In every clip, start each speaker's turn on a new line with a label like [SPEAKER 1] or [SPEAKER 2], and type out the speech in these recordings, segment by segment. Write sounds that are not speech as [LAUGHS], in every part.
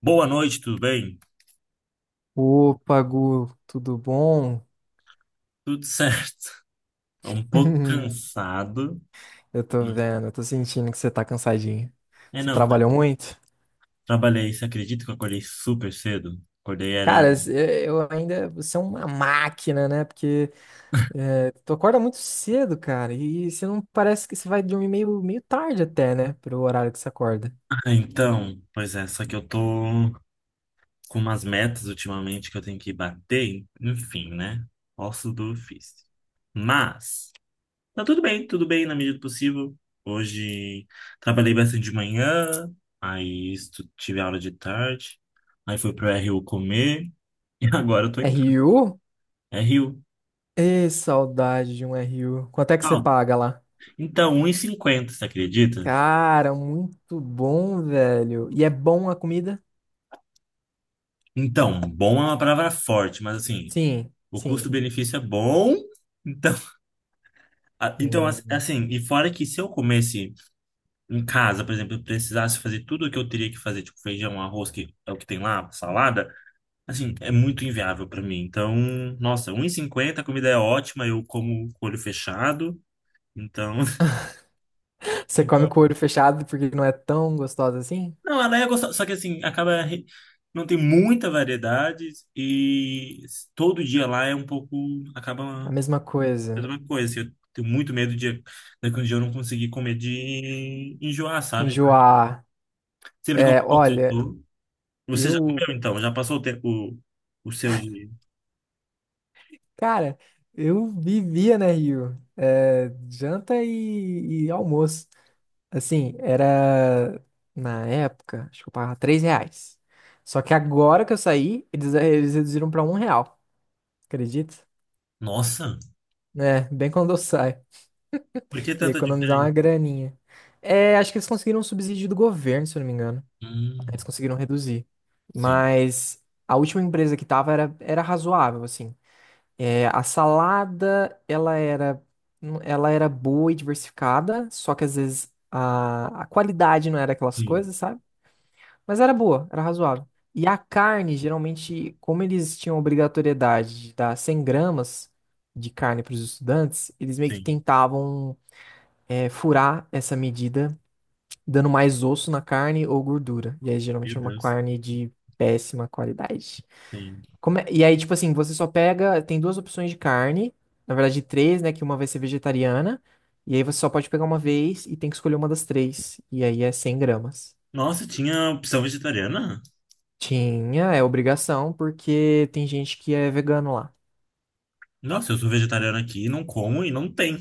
[SPEAKER 1] Boa noite, tudo bem?
[SPEAKER 2] Opa, Gu, tudo bom?
[SPEAKER 1] Tudo certo. [LAUGHS] Um pouco
[SPEAKER 2] [LAUGHS]
[SPEAKER 1] cansado.
[SPEAKER 2] Eu tô vendo, eu tô sentindo que você tá cansadinho.
[SPEAKER 1] É,
[SPEAKER 2] Você
[SPEAKER 1] não,
[SPEAKER 2] trabalhou muito?
[SPEAKER 1] trabalhei. Você acredita que eu acordei super cedo? Acordei era.
[SPEAKER 2] Cara, eu ainda. Você é uma máquina, né? Porque é, tu acorda muito cedo, cara, e você não parece que você vai dormir meio tarde até, né? Pelo horário que você acorda.
[SPEAKER 1] Pois é, só que eu tô com umas metas ultimamente que eu tenho que bater. Enfim, né? Posso do ofício. Mas tá tudo bem na medida do possível. Hoje trabalhei bastante de manhã, aí tive aula de tarde, aí fui pro RU comer [LAUGHS] e agora eu tô em casa.
[SPEAKER 2] RU?
[SPEAKER 1] RU.
[SPEAKER 2] Ei, saudade de um RU. Quanto é que você paga lá?
[SPEAKER 1] Então, 1,50, você acredita?
[SPEAKER 2] Cara, muito bom, velho. E é bom a comida?
[SPEAKER 1] Então, bom é uma palavra forte, mas assim,
[SPEAKER 2] Sim,
[SPEAKER 1] o
[SPEAKER 2] sim, sim.
[SPEAKER 1] custo-benefício é bom. Então, [LAUGHS]
[SPEAKER 2] Hum.
[SPEAKER 1] assim, e fora que se eu comesse em casa, por exemplo, eu precisasse fazer tudo o que eu teria que fazer, tipo feijão, arroz, que é o que tem lá, salada, assim, é muito inviável para mim. Então, nossa, um 1,50, a comida é ótima, eu como com o olho fechado. Então,
[SPEAKER 2] Você come com o
[SPEAKER 1] [LAUGHS]
[SPEAKER 2] olho fechado porque não é tão gostosa assim?
[SPEAKER 1] não, ela é gostosa, só que assim, não tem muita variedade e todo dia lá é um pouco, acaba
[SPEAKER 2] A
[SPEAKER 1] a
[SPEAKER 2] mesma coisa.
[SPEAKER 1] mesma coisa. Assim, eu tenho muito medo de daqui um dia eu não conseguir comer, de enjoar, sabe?
[SPEAKER 2] Enjoar.
[SPEAKER 1] Sempre que eu
[SPEAKER 2] É,
[SPEAKER 1] faço
[SPEAKER 2] olha,
[SPEAKER 1] tudo. Você já
[SPEAKER 2] eu,
[SPEAKER 1] comeu então? Já passou o tempo, o seu de.
[SPEAKER 2] cara, eu vivia na Rio. É, janta e almoço. Assim, era na época, acho que eu pagava R$ 3. Só que agora que eu saí, eles reduziram pra R$ 1. Acredita?
[SPEAKER 1] Nossa,
[SPEAKER 2] É, bem quando eu saio.
[SPEAKER 1] por que
[SPEAKER 2] E
[SPEAKER 1] tanta
[SPEAKER 2] economizar uma
[SPEAKER 1] diferença?
[SPEAKER 2] graninha. É, acho que eles conseguiram um subsídio do governo, se eu não me engano. Eles
[SPEAKER 1] Hum,
[SPEAKER 2] conseguiram reduzir.
[SPEAKER 1] sim,
[SPEAKER 2] Mas a última empresa que tava era razoável, assim. É, a salada, ela era boa e diversificada, só que às vezes a qualidade não era aquelas
[SPEAKER 1] sim,
[SPEAKER 2] coisas, sabe? Mas era boa, era razoável. E a carne, geralmente, como eles tinham obrigatoriedade de dar 100 gramas de carne para os estudantes, eles meio que
[SPEAKER 1] sim.
[SPEAKER 2] tentavam, furar essa medida dando mais osso na carne ou gordura. E aí,
[SPEAKER 1] Meu
[SPEAKER 2] geralmente, é uma
[SPEAKER 1] Deus,
[SPEAKER 2] carne de péssima qualidade.
[SPEAKER 1] sim.
[SPEAKER 2] E aí, tipo assim, você só pega. Tem duas opções de carne. Na verdade, três, né? Que uma vai ser vegetariana. E aí, você só pode pegar uma vez e tem que escolher uma das três. E aí, é 100 gramas.
[SPEAKER 1] Nossa, tinha opção vegetariana?
[SPEAKER 2] Tinha, é obrigação, porque tem gente que é vegano lá.
[SPEAKER 1] Nossa, eu sou vegetariano aqui, não como e não tem.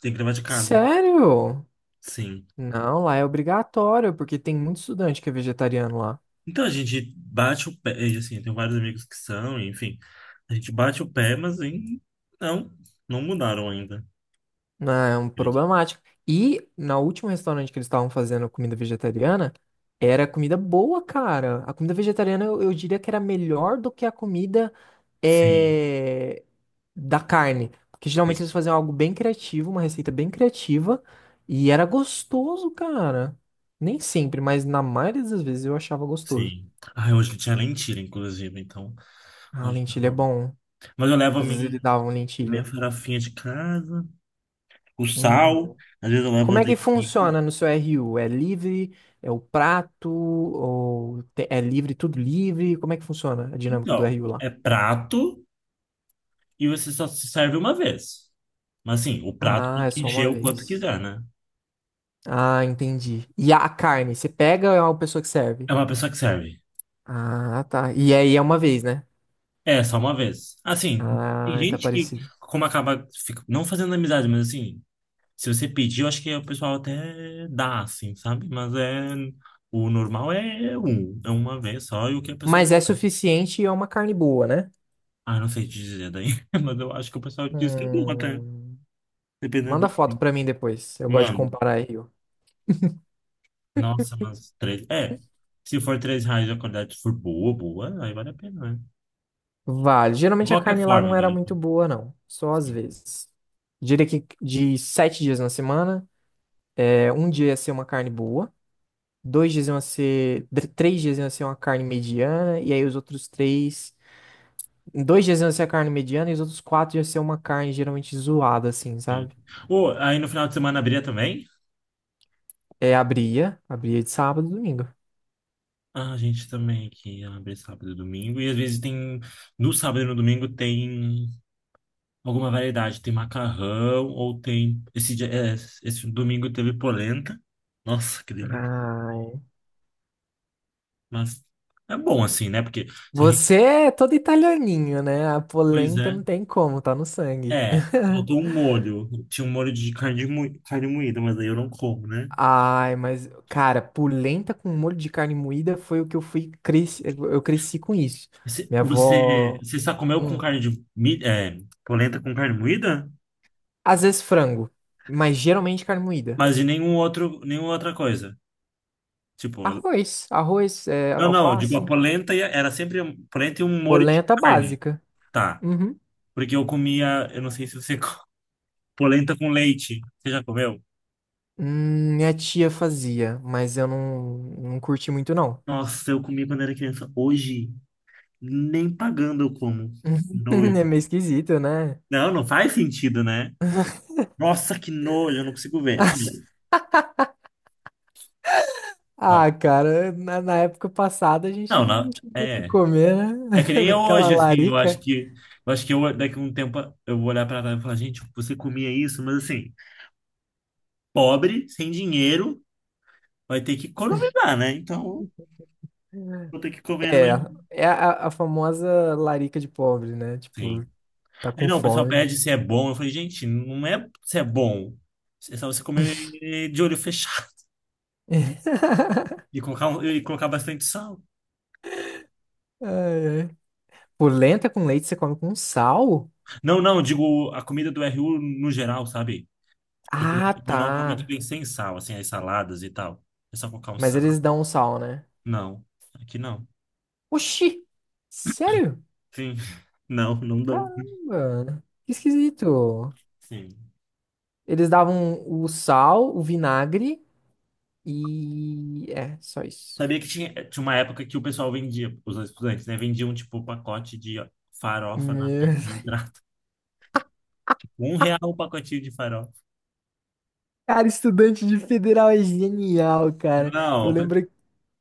[SPEAKER 1] Tem que levar de casa.
[SPEAKER 2] Sério?
[SPEAKER 1] Sim.
[SPEAKER 2] Não, lá é obrigatório, porque tem muito estudante que é vegetariano lá.
[SPEAKER 1] Então a gente bate o pé, e, assim, eu tenho vários amigos que são, enfim, a gente bate o pé, não, não mudaram ainda.
[SPEAKER 2] Ah, é um
[SPEAKER 1] Ele-
[SPEAKER 2] problemático. E na última restaurante que eles estavam fazendo comida vegetariana, era comida boa, cara. A comida vegetariana eu diria que era melhor do que a comida
[SPEAKER 1] sim,
[SPEAKER 2] eh, da carne. Porque
[SPEAKER 1] sim.
[SPEAKER 2] geralmente eles faziam algo bem criativo, uma receita bem criativa, e era gostoso, cara. Nem sempre, mas na maioria das vezes eu achava gostoso.
[SPEAKER 1] Sim. Ai, hoje tinha lentilha, inclusive, então
[SPEAKER 2] Ah,
[SPEAKER 1] hoje tá
[SPEAKER 2] lentilha é
[SPEAKER 1] bom.
[SPEAKER 2] bom.
[SPEAKER 1] Mas eu levo a
[SPEAKER 2] Às vezes eles davam
[SPEAKER 1] minha
[SPEAKER 2] lentilha.
[SPEAKER 1] farofinha de casa, o sal,
[SPEAKER 2] Uhum.
[SPEAKER 1] às vezes eu levo
[SPEAKER 2] Como é que
[SPEAKER 1] azeite.
[SPEAKER 2] funciona no seu RU? É livre? É o prato? É livre, tudo livre? Como é que funciona a dinâmica do
[SPEAKER 1] Então,
[SPEAKER 2] RU lá?
[SPEAKER 1] é prato e você só se serve uma vez. Mas assim, o prato
[SPEAKER 2] Ah,
[SPEAKER 1] tem
[SPEAKER 2] é
[SPEAKER 1] que
[SPEAKER 2] só
[SPEAKER 1] encher
[SPEAKER 2] uma
[SPEAKER 1] o quanto
[SPEAKER 2] vez.
[SPEAKER 1] quiser, né?
[SPEAKER 2] Ah, entendi. E a carne, você pega ou é uma pessoa que serve?
[SPEAKER 1] É uma pessoa que serve.
[SPEAKER 2] Ah, tá. E aí é uma vez, né?
[SPEAKER 1] É, só uma vez. Assim, tem
[SPEAKER 2] Ah, tá
[SPEAKER 1] gente que,
[SPEAKER 2] parecido.
[SPEAKER 1] como acaba, não fazendo amizade, mas assim, se você pedir, eu acho que o pessoal até dá, assim, sabe? Mas é, o normal é um, é uma vez só, e o que a pessoa,
[SPEAKER 2] Mas é suficiente e é uma carne boa, né?
[SPEAKER 1] ah, não sei te dizer daí, [LAUGHS] mas eu acho que o pessoal diz que é bom até,
[SPEAKER 2] Hum,
[SPEAKER 1] dependendo
[SPEAKER 2] Manda
[SPEAKER 1] do
[SPEAKER 2] foto
[SPEAKER 1] que
[SPEAKER 2] pra mim depois. Eu gosto de
[SPEAKER 1] manda.
[SPEAKER 2] comparar RU.
[SPEAKER 1] Nossa, mas três, é, se for R$ 3 e a qualidade for boa, boa, aí vale a pena, né?
[SPEAKER 2] Vale.
[SPEAKER 1] De
[SPEAKER 2] Geralmente a
[SPEAKER 1] qualquer
[SPEAKER 2] carne lá não
[SPEAKER 1] forma,
[SPEAKER 2] era
[SPEAKER 1] vale a
[SPEAKER 2] muito
[SPEAKER 1] pena.
[SPEAKER 2] boa, não. Só às
[SPEAKER 1] Sim,
[SPEAKER 2] vezes. Diria que de 7 dias na semana, um dia ia ser uma carne boa, 2 dias iam ser. 3 dias iam ser uma carne mediana, e aí os outros 3. 2 dias iam ser a carne mediana, e os outros 4 iam ser uma carne geralmente zoada, assim,
[SPEAKER 1] sim.
[SPEAKER 2] sabe?
[SPEAKER 1] Ou, aí no final de semana abria também?
[SPEAKER 2] É, abria de sábado e domingo.
[SPEAKER 1] Ah, a gente também que abre sábado e domingo. E às vezes tem, no sábado e no domingo tem alguma variedade. Tem macarrão ou tem. Esse, é, esse domingo teve polenta. Nossa, que delícia.
[SPEAKER 2] Ai.
[SPEAKER 1] Mas é bom assim, né? Porque se a gente.
[SPEAKER 2] Você é todo italianinho, né? A
[SPEAKER 1] Pois
[SPEAKER 2] polenta
[SPEAKER 1] é.
[SPEAKER 2] não tem como, tá no sangue.
[SPEAKER 1] É, faltou
[SPEAKER 2] [LAUGHS]
[SPEAKER 1] um molho. Tinha um molho de carne, carne moída, mas aí eu não como, né?
[SPEAKER 2] Ai, mas, cara, polenta com molho de carne moída foi o que eu cresci com isso. Minha avó,
[SPEAKER 1] Você só comeu com
[SPEAKER 2] hum,
[SPEAKER 1] carne de. Mi- é, polenta com carne moída?
[SPEAKER 2] às vezes frango, mas geralmente carne moída.
[SPEAKER 1] Mas de nenhum outro, nenhuma outra coisa. Tipo,
[SPEAKER 2] Arroz, arroz,
[SPEAKER 1] não, não, eu digo,
[SPEAKER 2] alface,
[SPEAKER 1] era sempre polenta e um molho de
[SPEAKER 2] polenta
[SPEAKER 1] carne,
[SPEAKER 2] básica.
[SPEAKER 1] tá?
[SPEAKER 2] Uhum.
[SPEAKER 1] Porque eu comia, eu não sei se você [LAUGHS] polenta com leite. Você já comeu?
[SPEAKER 2] Minha tia fazia, mas eu não curti muito não.
[SPEAKER 1] Nossa, eu comi quando era criança. Hoje, nem pagando eu como.
[SPEAKER 2] [LAUGHS]
[SPEAKER 1] Nojo.
[SPEAKER 2] É meio esquisito, né?
[SPEAKER 1] Não, não faz sentido, né? Nossa, que nojo, eu não consigo ver,
[SPEAKER 2] [LAUGHS]
[SPEAKER 1] sabe? Não,
[SPEAKER 2] Ah, cara, na época passada a gente
[SPEAKER 1] não,
[SPEAKER 2] não
[SPEAKER 1] não,
[SPEAKER 2] tinha muito o que
[SPEAKER 1] é.
[SPEAKER 2] comer, né?
[SPEAKER 1] É que nem
[SPEAKER 2] [LAUGHS]
[SPEAKER 1] eu
[SPEAKER 2] Aquela
[SPEAKER 1] hoje, assim, eu acho
[SPEAKER 2] larica.
[SPEAKER 1] que, eu acho que eu, daqui a um tempo eu vou olhar pra trás e falar, gente, você comia isso, mas assim, pobre, sem dinheiro, vai ter que economizar, né? Então, vou ter que comer no
[SPEAKER 2] É,
[SPEAKER 1] menu.
[SPEAKER 2] é a famosa larica de pobre, né? Tipo,
[SPEAKER 1] Sim.
[SPEAKER 2] tá
[SPEAKER 1] Aí,
[SPEAKER 2] com
[SPEAKER 1] não, o pessoal
[SPEAKER 2] fome.
[SPEAKER 1] pede se é bom. Eu falei, gente, não é se é bom. É só você comer de olho fechado
[SPEAKER 2] [LAUGHS]
[SPEAKER 1] [LAUGHS] e colocar bastante sal.
[SPEAKER 2] Ai, ai. Pô, lenta com leite você come com sal?
[SPEAKER 1] Não, não, eu digo a comida do RU no geral, sabe? Porque ele
[SPEAKER 2] Ah,
[SPEAKER 1] é, normalmente
[SPEAKER 2] tá.
[SPEAKER 1] vem sem sal, assim, as saladas e tal. É só colocar um
[SPEAKER 2] Mas
[SPEAKER 1] sal.
[SPEAKER 2] eles dão um sal, né?
[SPEAKER 1] Não, aqui não.
[SPEAKER 2] Oxi! Sério?
[SPEAKER 1] Sim, [LAUGHS] não, não dão.
[SPEAKER 2] Caramba! Que esquisito.
[SPEAKER 1] Sim.
[SPEAKER 2] Eles davam o sal, o vinagre e. É, só isso.
[SPEAKER 1] Sabia que tinha, tinha uma época que o pessoal vendia, os estudantes, né? Vendiam, tipo, pacote de farofa na
[SPEAKER 2] Meu- [LAUGHS]
[SPEAKER 1] entrada. R$ 1 o pacotinho de farofa.
[SPEAKER 2] Cara, estudante de federal é genial, cara.
[SPEAKER 1] Não,
[SPEAKER 2] Eu lembro.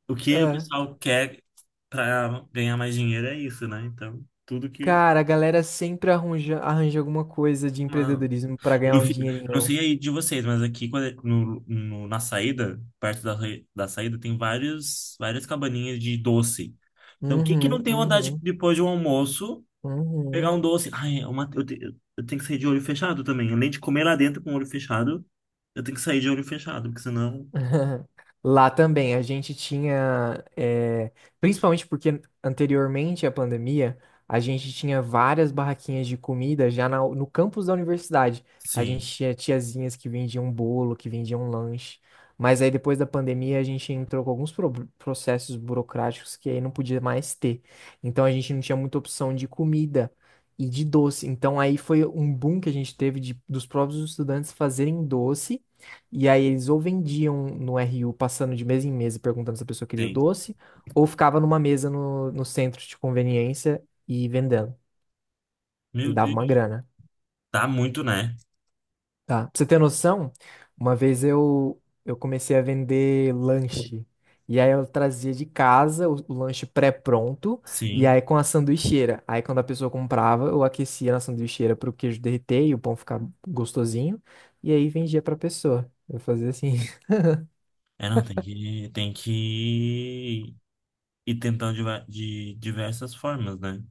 [SPEAKER 1] o que o pessoal quer para ganhar mais dinheiro é isso, né? Então, tudo que.
[SPEAKER 2] Cara, a galera sempre arranja alguma coisa de
[SPEAKER 1] Não.
[SPEAKER 2] empreendedorismo pra
[SPEAKER 1] E
[SPEAKER 2] ganhar um
[SPEAKER 1] eu não
[SPEAKER 2] dinheirinho.
[SPEAKER 1] sei aí de vocês, mas aqui quando na saída, perto da, da saída, tem várias cabaninhas de doce. Então, quem que
[SPEAKER 2] Uhum,
[SPEAKER 1] não tem vontade de,
[SPEAKER 2] uhum,
[SPEAKER 1] depois de um almoço pegar um
[SPEAKER 2] uhum.
[SPEAKER 1] doce? Ai, é uma, eu tenho que sair de olho fechado também. Além de comer lá dentro com o olho fechado, eu tenho que sair de olho fechado, porque senão.
[SPEAKER 2] [LAUGHS] Lá também, a gente tinha, principalmente porque anteriormente à pandemia, a gente tinha várias barraquinhas de comida já no campus da universidade. A gente
[SPEAKER 1] Sim,
[SPEAKER 2] tinha tiazinhas que vendiam bolo, que vendiam lanche. Mas aí depois da pandemia, a gente entrou com alguns processos burocráticos que aí não podia mais ter. Então a gente não tinha muita opção de comida e de doce. Então aí foi um boom que a gente teve dos próprios estudantes fazerem doce. E aí eles ou vendiam no RU passando de mesa em mesa e perguntando se a pessoa queria o
[SPEAKER 1] tem.
[SPEAKER 2] doce, ou ficava numa mesa no centro de conveniência e vendendo. E
[SPEAKER 1] Meu
[SPEAKER 2] dava uma
[SPEAKER 1] Deus.
[SPEAKER 2] grana,
[SPEAKER 1] Dá muito, né?
[SPEAKER 2] tá? Pra você ter noção, uma vez eu comecei a vender lanche. E aí eu trazia de casa o lanche pré-pronto, e
[SPEAKER 1] Sim.
[SPEAKER 2] aí com a sanduicheira. Aí quando a pessoa comprava, eu aquecia na sanduicheira pro queijo derreter e o pão ficar gostosinho, e aí vendia pra pessoa. Eu fazia assim.
[SPEAKER 1] É, não, tem que ir tentando de, de diversas formas, né?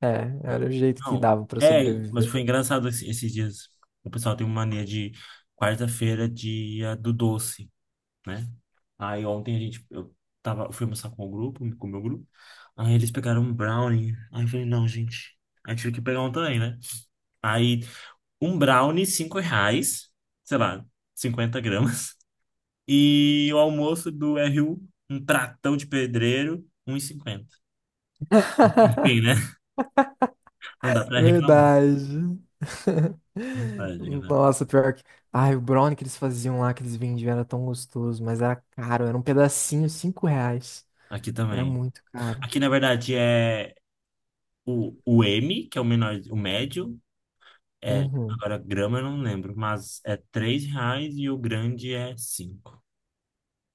[SPEAKER 2] É, era o jeito que
[SPEAKER 1] Não,
[SPEAKER 2] dava pra
[SPEAKER 1] é, mas
[SPEAKER 2] sobreviver.
[SPEAKER 1] foi engraçado esses dias. O pessoal tem uma mania de quarta-feira, dia do doce, né? Aí ontem eu tava, eu fui almoçar com o grupo, com o meu grupo. Aí eles pegaram um brownie. Aí eu falei, não, gente, a gente tive que pegar um também, né? Aí um brownie, R$ 5, sei lá, 50 gramas. E o almoço do RU, um pratão de pedreiro, 1,50. Enfim, né? Não dá pra reclamar.
[SPEAKER 2] Verdade.
[SPEAKER 1] Não
[SPEAKER 2] [LAUGHS]
[SPEAKER 1] pode, né?
[SPEAKER 2] Nossa, pior que. Ai, o brownie que eles faziam lá, que eles vendiam, era tão gostoso, mas era caro, era um pedacinho, R$ 5.
[SPEAKER 1] Aqui
[SPEAKER 2] Era
[SPEAKER 1] também.
[SPEAKER 2] muito caro.
[SPEAKER 1] Aqui, na verdade, é o M, que é o menor, o médio. É,
[SPEAKER 2] Uhum.
[SPEAKER 1] agora, grama eu não lembro, mas é R$ 3 e o grande é cinco.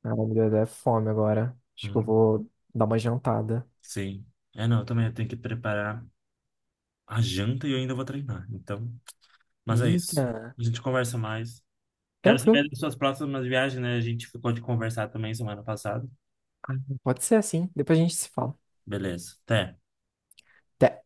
[SPEAKER 2] Ai, meu Deus, é fome agora. Acho que eu
[SPEAKER 1] Hum,
[SPEAKER 2] vou dar uma jantada.
[SPEAKER 1] sim. É, não, eu também tenho que preparar a janta e eu ainda vou treinar. Então, mas é isso.
[SPEAKER 2] Eita,
[SPEAKER 1] A gente conversa mais. Quero saber
[SPEAKER 2] tranquilo.
[SPEAKER 1] das suas próximas viagens, né? A gente ficou de conversar também semana passada.
[SPEAKER 2] Ah, pode ser assim, depois a gente se fala.
[SPEAKER 1] Beleza, até.
[SPEAKER 2] Até.